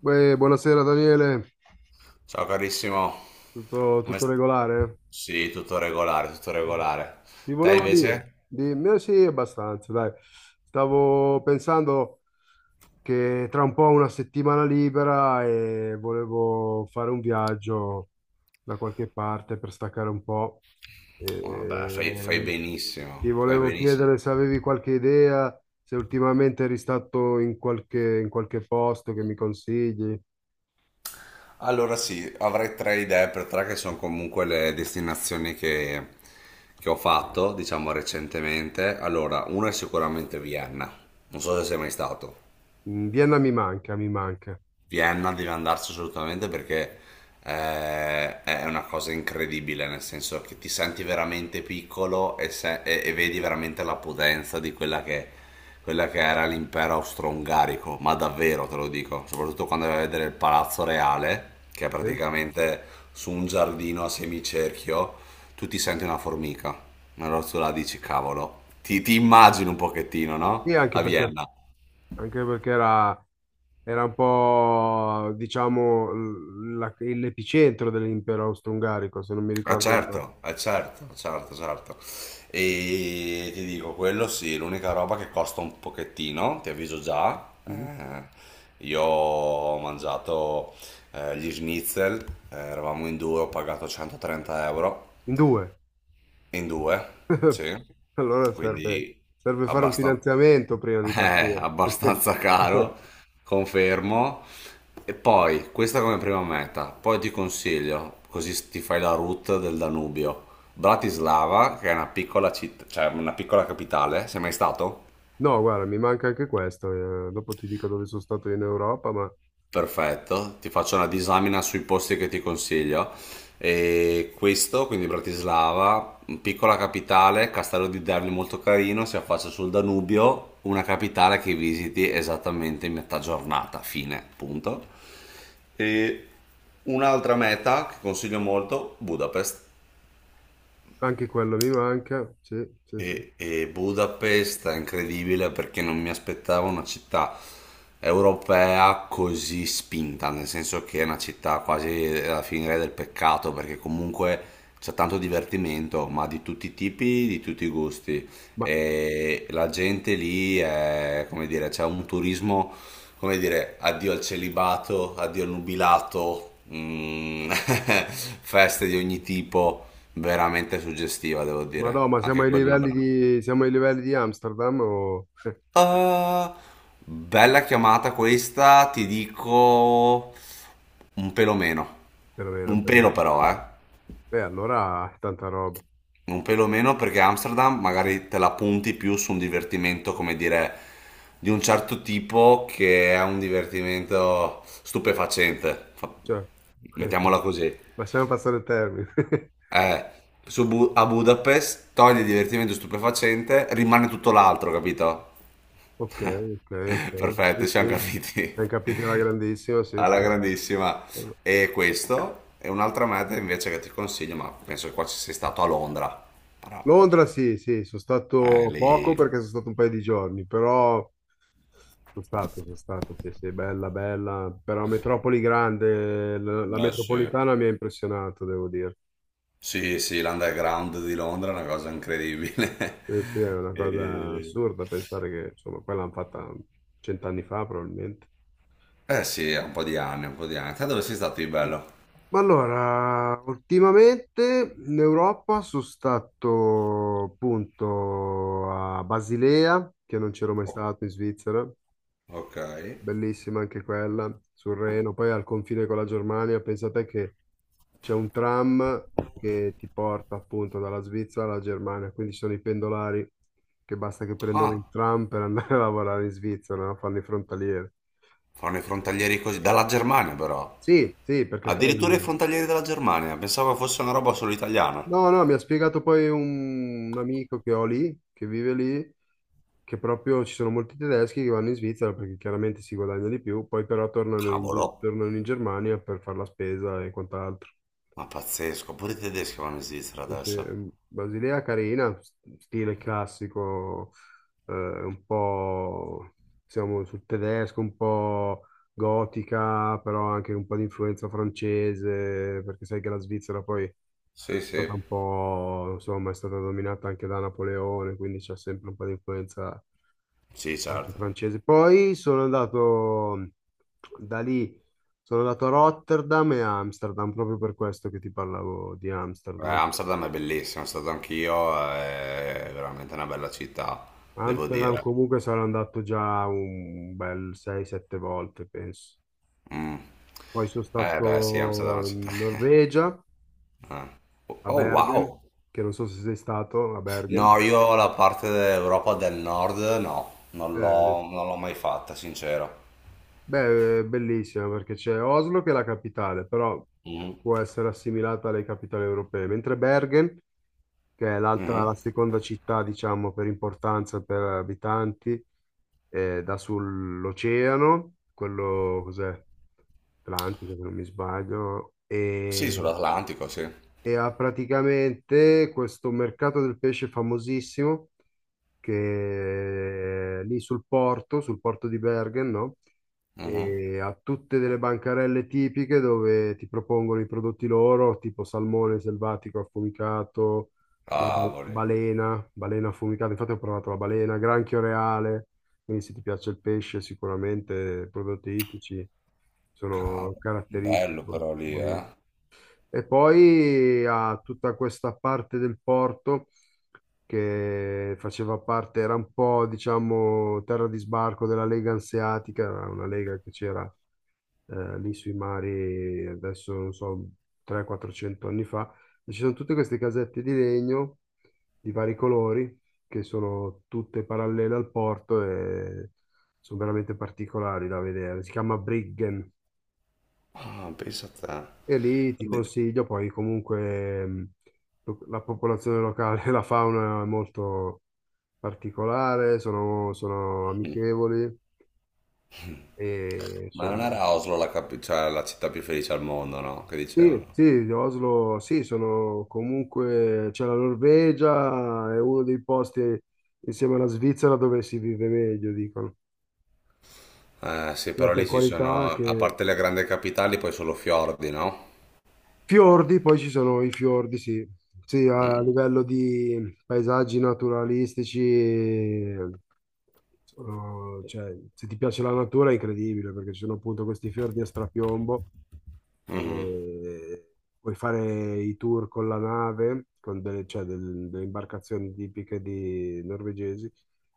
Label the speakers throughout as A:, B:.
A: Beh, buonasera Daniele,
B: Ciao carissimo.
A: tutto,
B: come
A: tutto
B: st-
A: regolare?
B: Sì, tutto regolare, tutto
A: Mm.
B: regolare.
A: Ti
B: Te
A: volevo dire,
B: invece?
A: di me sì, abbastanza, dai. Stavo pensando che tra un po' una settimana libera e volevo fare un viaggio da qualche parte per staccare un po'.
B: Vabbè, fai
A: E ti
B: benissimo, fai
A: volevo
B: benissimo.
A: chiedere se avevi qualche idea, se ultimamente eri stato in qualche posto che mi consigli.
B: Allora sì, avrei tre idee per tre che sono comunque le destinazioni che ho fatto, diciamo recentemente. Allora, una è sicuramente Vienna, non so se sei mai stato.
A: Mm, Vienna mi manca, mi manca.
B: Vienna deve andarsi assolutamente perché è una cosa incredibile, nel senso che ti senti veramente piccolo e vedi veramente la potenza di quella che era l'impero austro-ungarico, ma davvero te lo dico, soprattutto quando vai a vedere il Palazzo Reale, che è
A: Sì?
B: praticamente su un giardino a semicerchio, tu ti senti una formica, allora tu la dici, cavolo, ti immagini un pochettino, no?
A: Sì, anche
B: A
A: perché,
B: Vienna.
A: anche perché era, era un po', diciamo, l'epicentro dell'impero austro-ungarico, se non mi
B: Ah
A: ricordo male.
B: certo, certo, certo, certo. E ti dico, quello sì, l'unica roba che costa un pochettino, ti avviso già.
A: Mm.
B: Eh, io ho mangiato gli schnitzel, eravamo in due, ho pagato 130 euro.
A: In due.
B: In due,
A: Eh,
B: sì,
A: Allora serve,
B: quindi
A: serve fare un
B: abbastan-
A: finanziamento prima di partire.
B: abbastanza caro, confermo. E poi, questa come prima meta, poi ti consiglio, così ti fai la route del Danubio. Bratislava, che è una piccola città, cioè una piccola capitale, sei mai stato?
A: No, guarda, mi manca anche questo. Dopo ti dico dove sono stato in Europa, ma
B: Perfetto, ti faccio una disamina sui posti che ti consiglio. E questo, quindi Bratislava, piccola capitale, castello di Derli molto carino, si affaccia sul Danubio, una capitale che visiti esattamente in metà giornata, fine, punto. E un'altra meta che consiglio molto, Budapest.
A: anche quello mi manca. Sì, sì, sì.
B: E Budapest è incredibile perché non mi aspettavo una città europea così spinta, nel senso che è una città quasi alla fine del peccato, perché comunque c'è tanto divertimento, ma di tutti i tipi, di tutti i gusti.
A: Ma,
B: E la gente lì è, come dire, c'è un turismo come dire, addio al celibato, addio al nubilato, feste di ogni tipo, veramente suggestiva, devo
A: ma
B: dire.
A: no, ma siamo
B: Anche
A: ai
B: quella è una bella mano.
A: siamo ai livelli di Amsterdam o
B: Ah, bella chiamata questa, ti dico un pelo meno.
A: perlomeno,
B: Un pelo
A: perlomeno.
B: però, eh.
A: Allora, tanta roba.
B: Un pelo meno perché Amsterdam magari te la punti più su un divertimento, come dire, di un certo tipo che è un divertimento stupefacente.
A: Certo.
B: Mettiamola così.
A: Lasciamo passare il termine.
B: Eh, a Budapest togli il divertimento stupefacente, rimane tutto l'altro, capito?
A: Ok, ok, ok.
B: Perfetto,
A: Sì,
B: ci siamo
A: sì.
B: capiti.
A: Ben capito la grandissima, sì,
B: Alla
A: sì.
B: grandissima. E questo è un'altra meta invece che ti consiglio, ma penso che qua ci sei stato a Londra. Però,
A: Londra, sì, sì, sono
B: eh,
A: stato
B: lì...
A: poco perché sono stato un paio di giorni, però sono stato, sì, sì, bella, bella. Però metropoli grande, la
B: Eh sì.
A: metropolitana mi ha impressionato, devo dire.
B: Sì, sì, l'underground di Londra è una cosa incredibile.
A: Sì, sì, è una cosa
B: E-
A: assurda pensare che, insomma, poi l'hanno fatta cent'anni fa, probabilmente.
B: Eh sì, ha un po' di anni, un po' di anni. Te dove sei stato di bello?
A: Ma allora, ultimamente in Europa sono stato appunto a Basilea, che non c'ero mai
B: Oh,
A: stato in Svizzera,
B: ok.
A: bellissima anche quella, sul Reno, poi al confine con la Germania, pensate che c'è un tram che ti porta appunto dalla Svizzera alla Germania, quindi ci sono i pendolari che basta che prendono un
B: Ah,
A: tram per andare a lavorare in Svizzera, no? Fanno i frontalieri.
B: fanno i frontalieri così, dalla Germania però.
A: Sì, sì, perché poi
B: Addirittura i frontalieri della Germania, pensavo fosse una roba solo italiana.
A: no, no, mi ha spiegato poi un amico che ho lì, che vive lì, che proprio ci sono molti tedeschi che vanno in Svizzera perché chiaramente si guadagna di più, poi però tornano in,
B: Cavolo,
A: tornano in Germania per fare la spesa e quant'altro.
B: ma pazzesco, pure i tedeschi vanno in Svizzera
A: Invece,
B: adesso.
A: Basilea carina, stile classico, un po' siamo sul tedesco, un po' gotica, però anche un po' di influenza francese, perché sai che la Svizzera poi
B: Sì, sì.
A: stata un po', insomma, è stata dominata anche da Napoleone, quindi c'è sempre un po' di influenza
B: Sì,
A: anche
B: certo.
A: francese. Poi sono andato da lì, sono andato a Rotterdam e a Amsterdam, proprio per questo che ti parlavo di Amsterdam.
B: Amsterdam è bellissima, sono stato anch'io, è veramente una bella città, devo
A: Amsterdam
B: dire.
A: comunque sarò andato già un bel 6-7 volte, penso.
B: Mh.
A: Poi sono
B: Eh beh sì, Amsterdam è
A: stato
B: una città
A: in Norvegia,
B: eh.
A: a
B: Oh
A: Bergen,
B: wow!
A: che non so se sei stato a Bergen.
B: No, io la parte dell'Europa del Nord no,
A: Eh,
B: non l'ho mai fatta, sincero.
A: Beh, è bellissima perché c'è Oslo che è la capitale, però può
B: Mh.
A: essere assimilata alle capitali europee, mentre Bergen, che è l'altra,
B: Mh.
A: la seconda città, diciamo, per importanza per abitanti, dà sull'oceano, quello cos'è? Atlantico, se non mi sbaglio,
B: Sì,
A: e
B: sull'Atlantico, sì.
A: e ha praticamente questo mercato del pesce famosissimo che è lì sul porto di Bergen, no?
B: Mh-mh.
A: E ha tutte delle bancarelle tipiche dove ti propongono i prodotti loro, tipo salmone selvatico affumicato,
B: Cavoli,
A: balena, balena affumicata, infatti ho provato la balena, granchio reale, quindi se ti piace il pesce sicuramente i prodotti ittici sono
B: cavoli.
A: caratteristici.
B: Bello però lì, eh.
A: Buonissimi. E poi ha tutta questa parte del porto che faceva parte, era un po', diciamo, terra di sbarco della Lega Anseatica, era una lega che c'era lì sui mari, adesso non so, 300-400 anni fa. E ci sono tutte queste casette di legno di vari colori che sono tutte parallele al porto e sono veramente particolari da vedere. Si chiama Briggen.
B: Ah, pensa a te.
A: E lì ti
B: Quindi-
A: consiglio, poi comunque la popolazione locale, la fauna è molto particolare, sono
B: mh.
A: amichevoli e
B: Ma non
A: insomma.
B: era Oslo cioè, la città più felice al mondo, no? Che
A: Sì,
B: dicevano.
A: sì, Oslo, sì, sono comunque, c'è la Norvegia, è uno dei posti insieme alla Svizzera dove si vive meglio, dicono,
B: Eh sì,
A: sia
B: però
A: per
B: lì ci sono,
A: qualità
B: a
A: che...
B: parte le grandi capitali, poi solo fiordi, no?
A: Fiordi, poi ci sono i fiordi, sì. Sì, a livello di paesaggi naturalistici sono- cioè, se ti piace la natura è incredibile perché ci sono appunto questi fiordi a strapiombo
B: Mhm.
A: e puoi fare i tour con la nave, con delle, cioè, delle imbarcazioni tipiche di norvegesi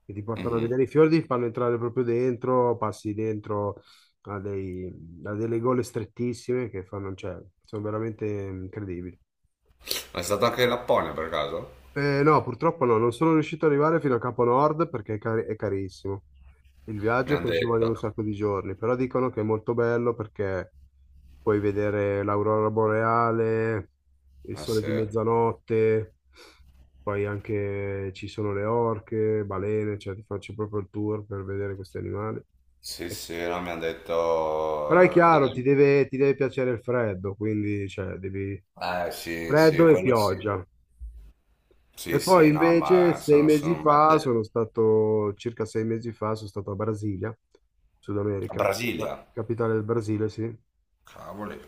A: che ti portano a
B: Mhm.
A: vedere i fiordi, ti fanno entrare proprio dentro, passi dentro a, dei- a delle gole strettissime che fanno, cioè, sono veramente incredibili.
B: È stato anche in Lapponia per caso?
A: No, purtroppo no, non sono riuscito ad arrivare fino a Capo Nord perché è, è carissimo. Il
B: Mi
A: viaggio
B: hanno
A: poi ci vogliono
B: detto.
A: un sacco di giorni, però dicono che è molto bello perché puoi vedere l'aurora boreale, il
B: Eh
A: sole di
B: sì.
A: mezzanotte, poi anche ci sono le orche, balene, cioè ti faccio proprio il tour per vedere questi animali.
B: Sì, sì, no, mi hanno
A: Però è
B: detto degli
A: chiaro,
B: amici.
A: ti deve piacere il freddo, quindi cioè, devi...
B: Eh sì, sì,
A: Freddo e
B: quello sì.
A: pioggia.
B: Sì,
A: E poi
B: sì, no,
A: invece
B: ma
A: sei mesi
B: sono
A: fa
B: mette.
A: sono stato, circa sei mesi fa sono stato a Brasilia, Sud
B: A
A: America, la
B: Brasilia.
A: capitale del Brasile, sì.
B: Cavoli.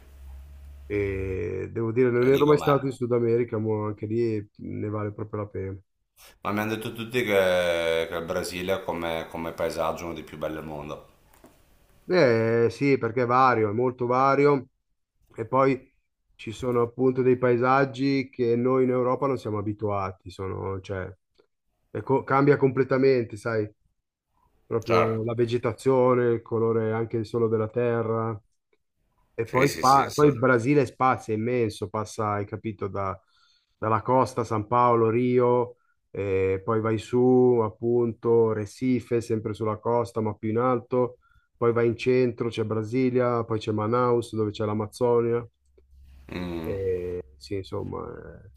A: E devo dire,
B: È
A: non
B: lì
A: ero mai
B: com'è.
A: stato in Sud America, ma anche lì ne vale proprio la pena.
B: Ma mi hanno detto tutti che il Brasile come paesaggio è uno dei più belli al mondo.
A: Eh sì, perché è vario, è molto vario. E poi ci sono appunto dei paesaggi che noi in Europa non siamo abituati, sono, cioè, cambia completamente, sai? Proprio
B: Certo.
A: la vegetazione, il colore anche solo della terra. E
B: Sì,
A: poi,
B: sì, sì.
A: poi il
B: sì.
A: Brasile è spazio, è immenso, passa, hai capito, dalla costa, San Paolo, Rio, e poi vai su, appunto, Recife, sempre sulla costa, ma più in alto, poi vai in centro, c'è Brasilia, poi c'è Manaus, dove c'è l'Amazzonia,
B: Mm,
A: e sì, insomma,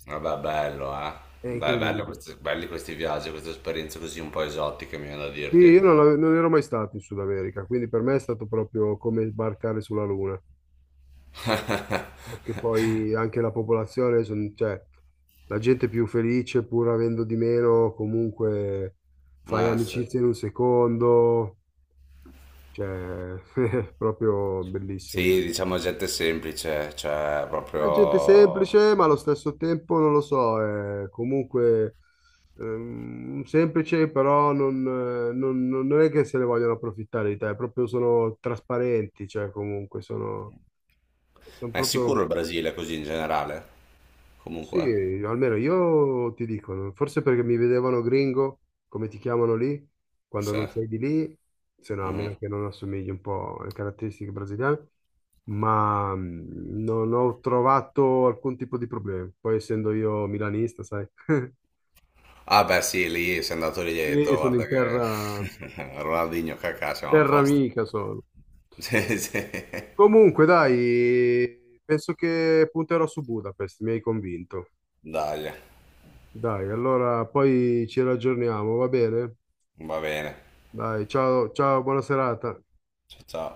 B: vabbè, bello, eh.
A: è
B: Beh, bello
A: incredibile.
B: questi, belli questi viaggi, queste esperienze così un po' esotiche, mi viene da
A: Sì,
B: dirti.
A: io non, ave- non ero mai stato in Sud America, quindi per me è stato proprio come sbarcare sulla Luna. Perché poi anche la popolazione, cioè, la gente è più felice pur avendo di meno, comunque fai
B: Sì.
A: amicizia in un secondo, cioè, è proprio bellissimo,
B: Sì,
A: bellissimo.
B: diciamo gente semplice, cioè
A: È gente
B: proprio...
A: semplice, ma allo stesso tempo, non lo so, è comunque semplice, però non, non è che se ne vogliono approfittare di te, proprio sono trasparenti, cioè comunque sono, sono
B: Ma è
A: proprio...
B: sicuro il Brasile così in generale?
A: Sì,
B: Comunque,
A: almeno io ti dico, no, forse perché mi vedevano gringo, come ti chiamano lì, quando
B: sì.
A: non sei di lì, se no a
B: Mhm.
A: meno che non assomigli un po' alle caratteristiche brasiliane, ma non ho trovato alcun tipo di problema. Poi essendo io milanista, sai,
B: Ah beh sì, lì sei andato lì e hai detto,
A: lì sono
B: guarda
A: in
B: che
A: terra,
B: Ronaldinho cacà siamo a
A: terra
B: posto.
A: amica solo.
B: Sì, sì.
A: Comunque, dai, penso che punterò su Budapest, mi hai convinto.
B: Dai,
A: Dai, allora poi ci raggiorniamo, va bene?
B: va bene.
A: Dai, ciao, ciao, buona serata.
B: Ciao ciao.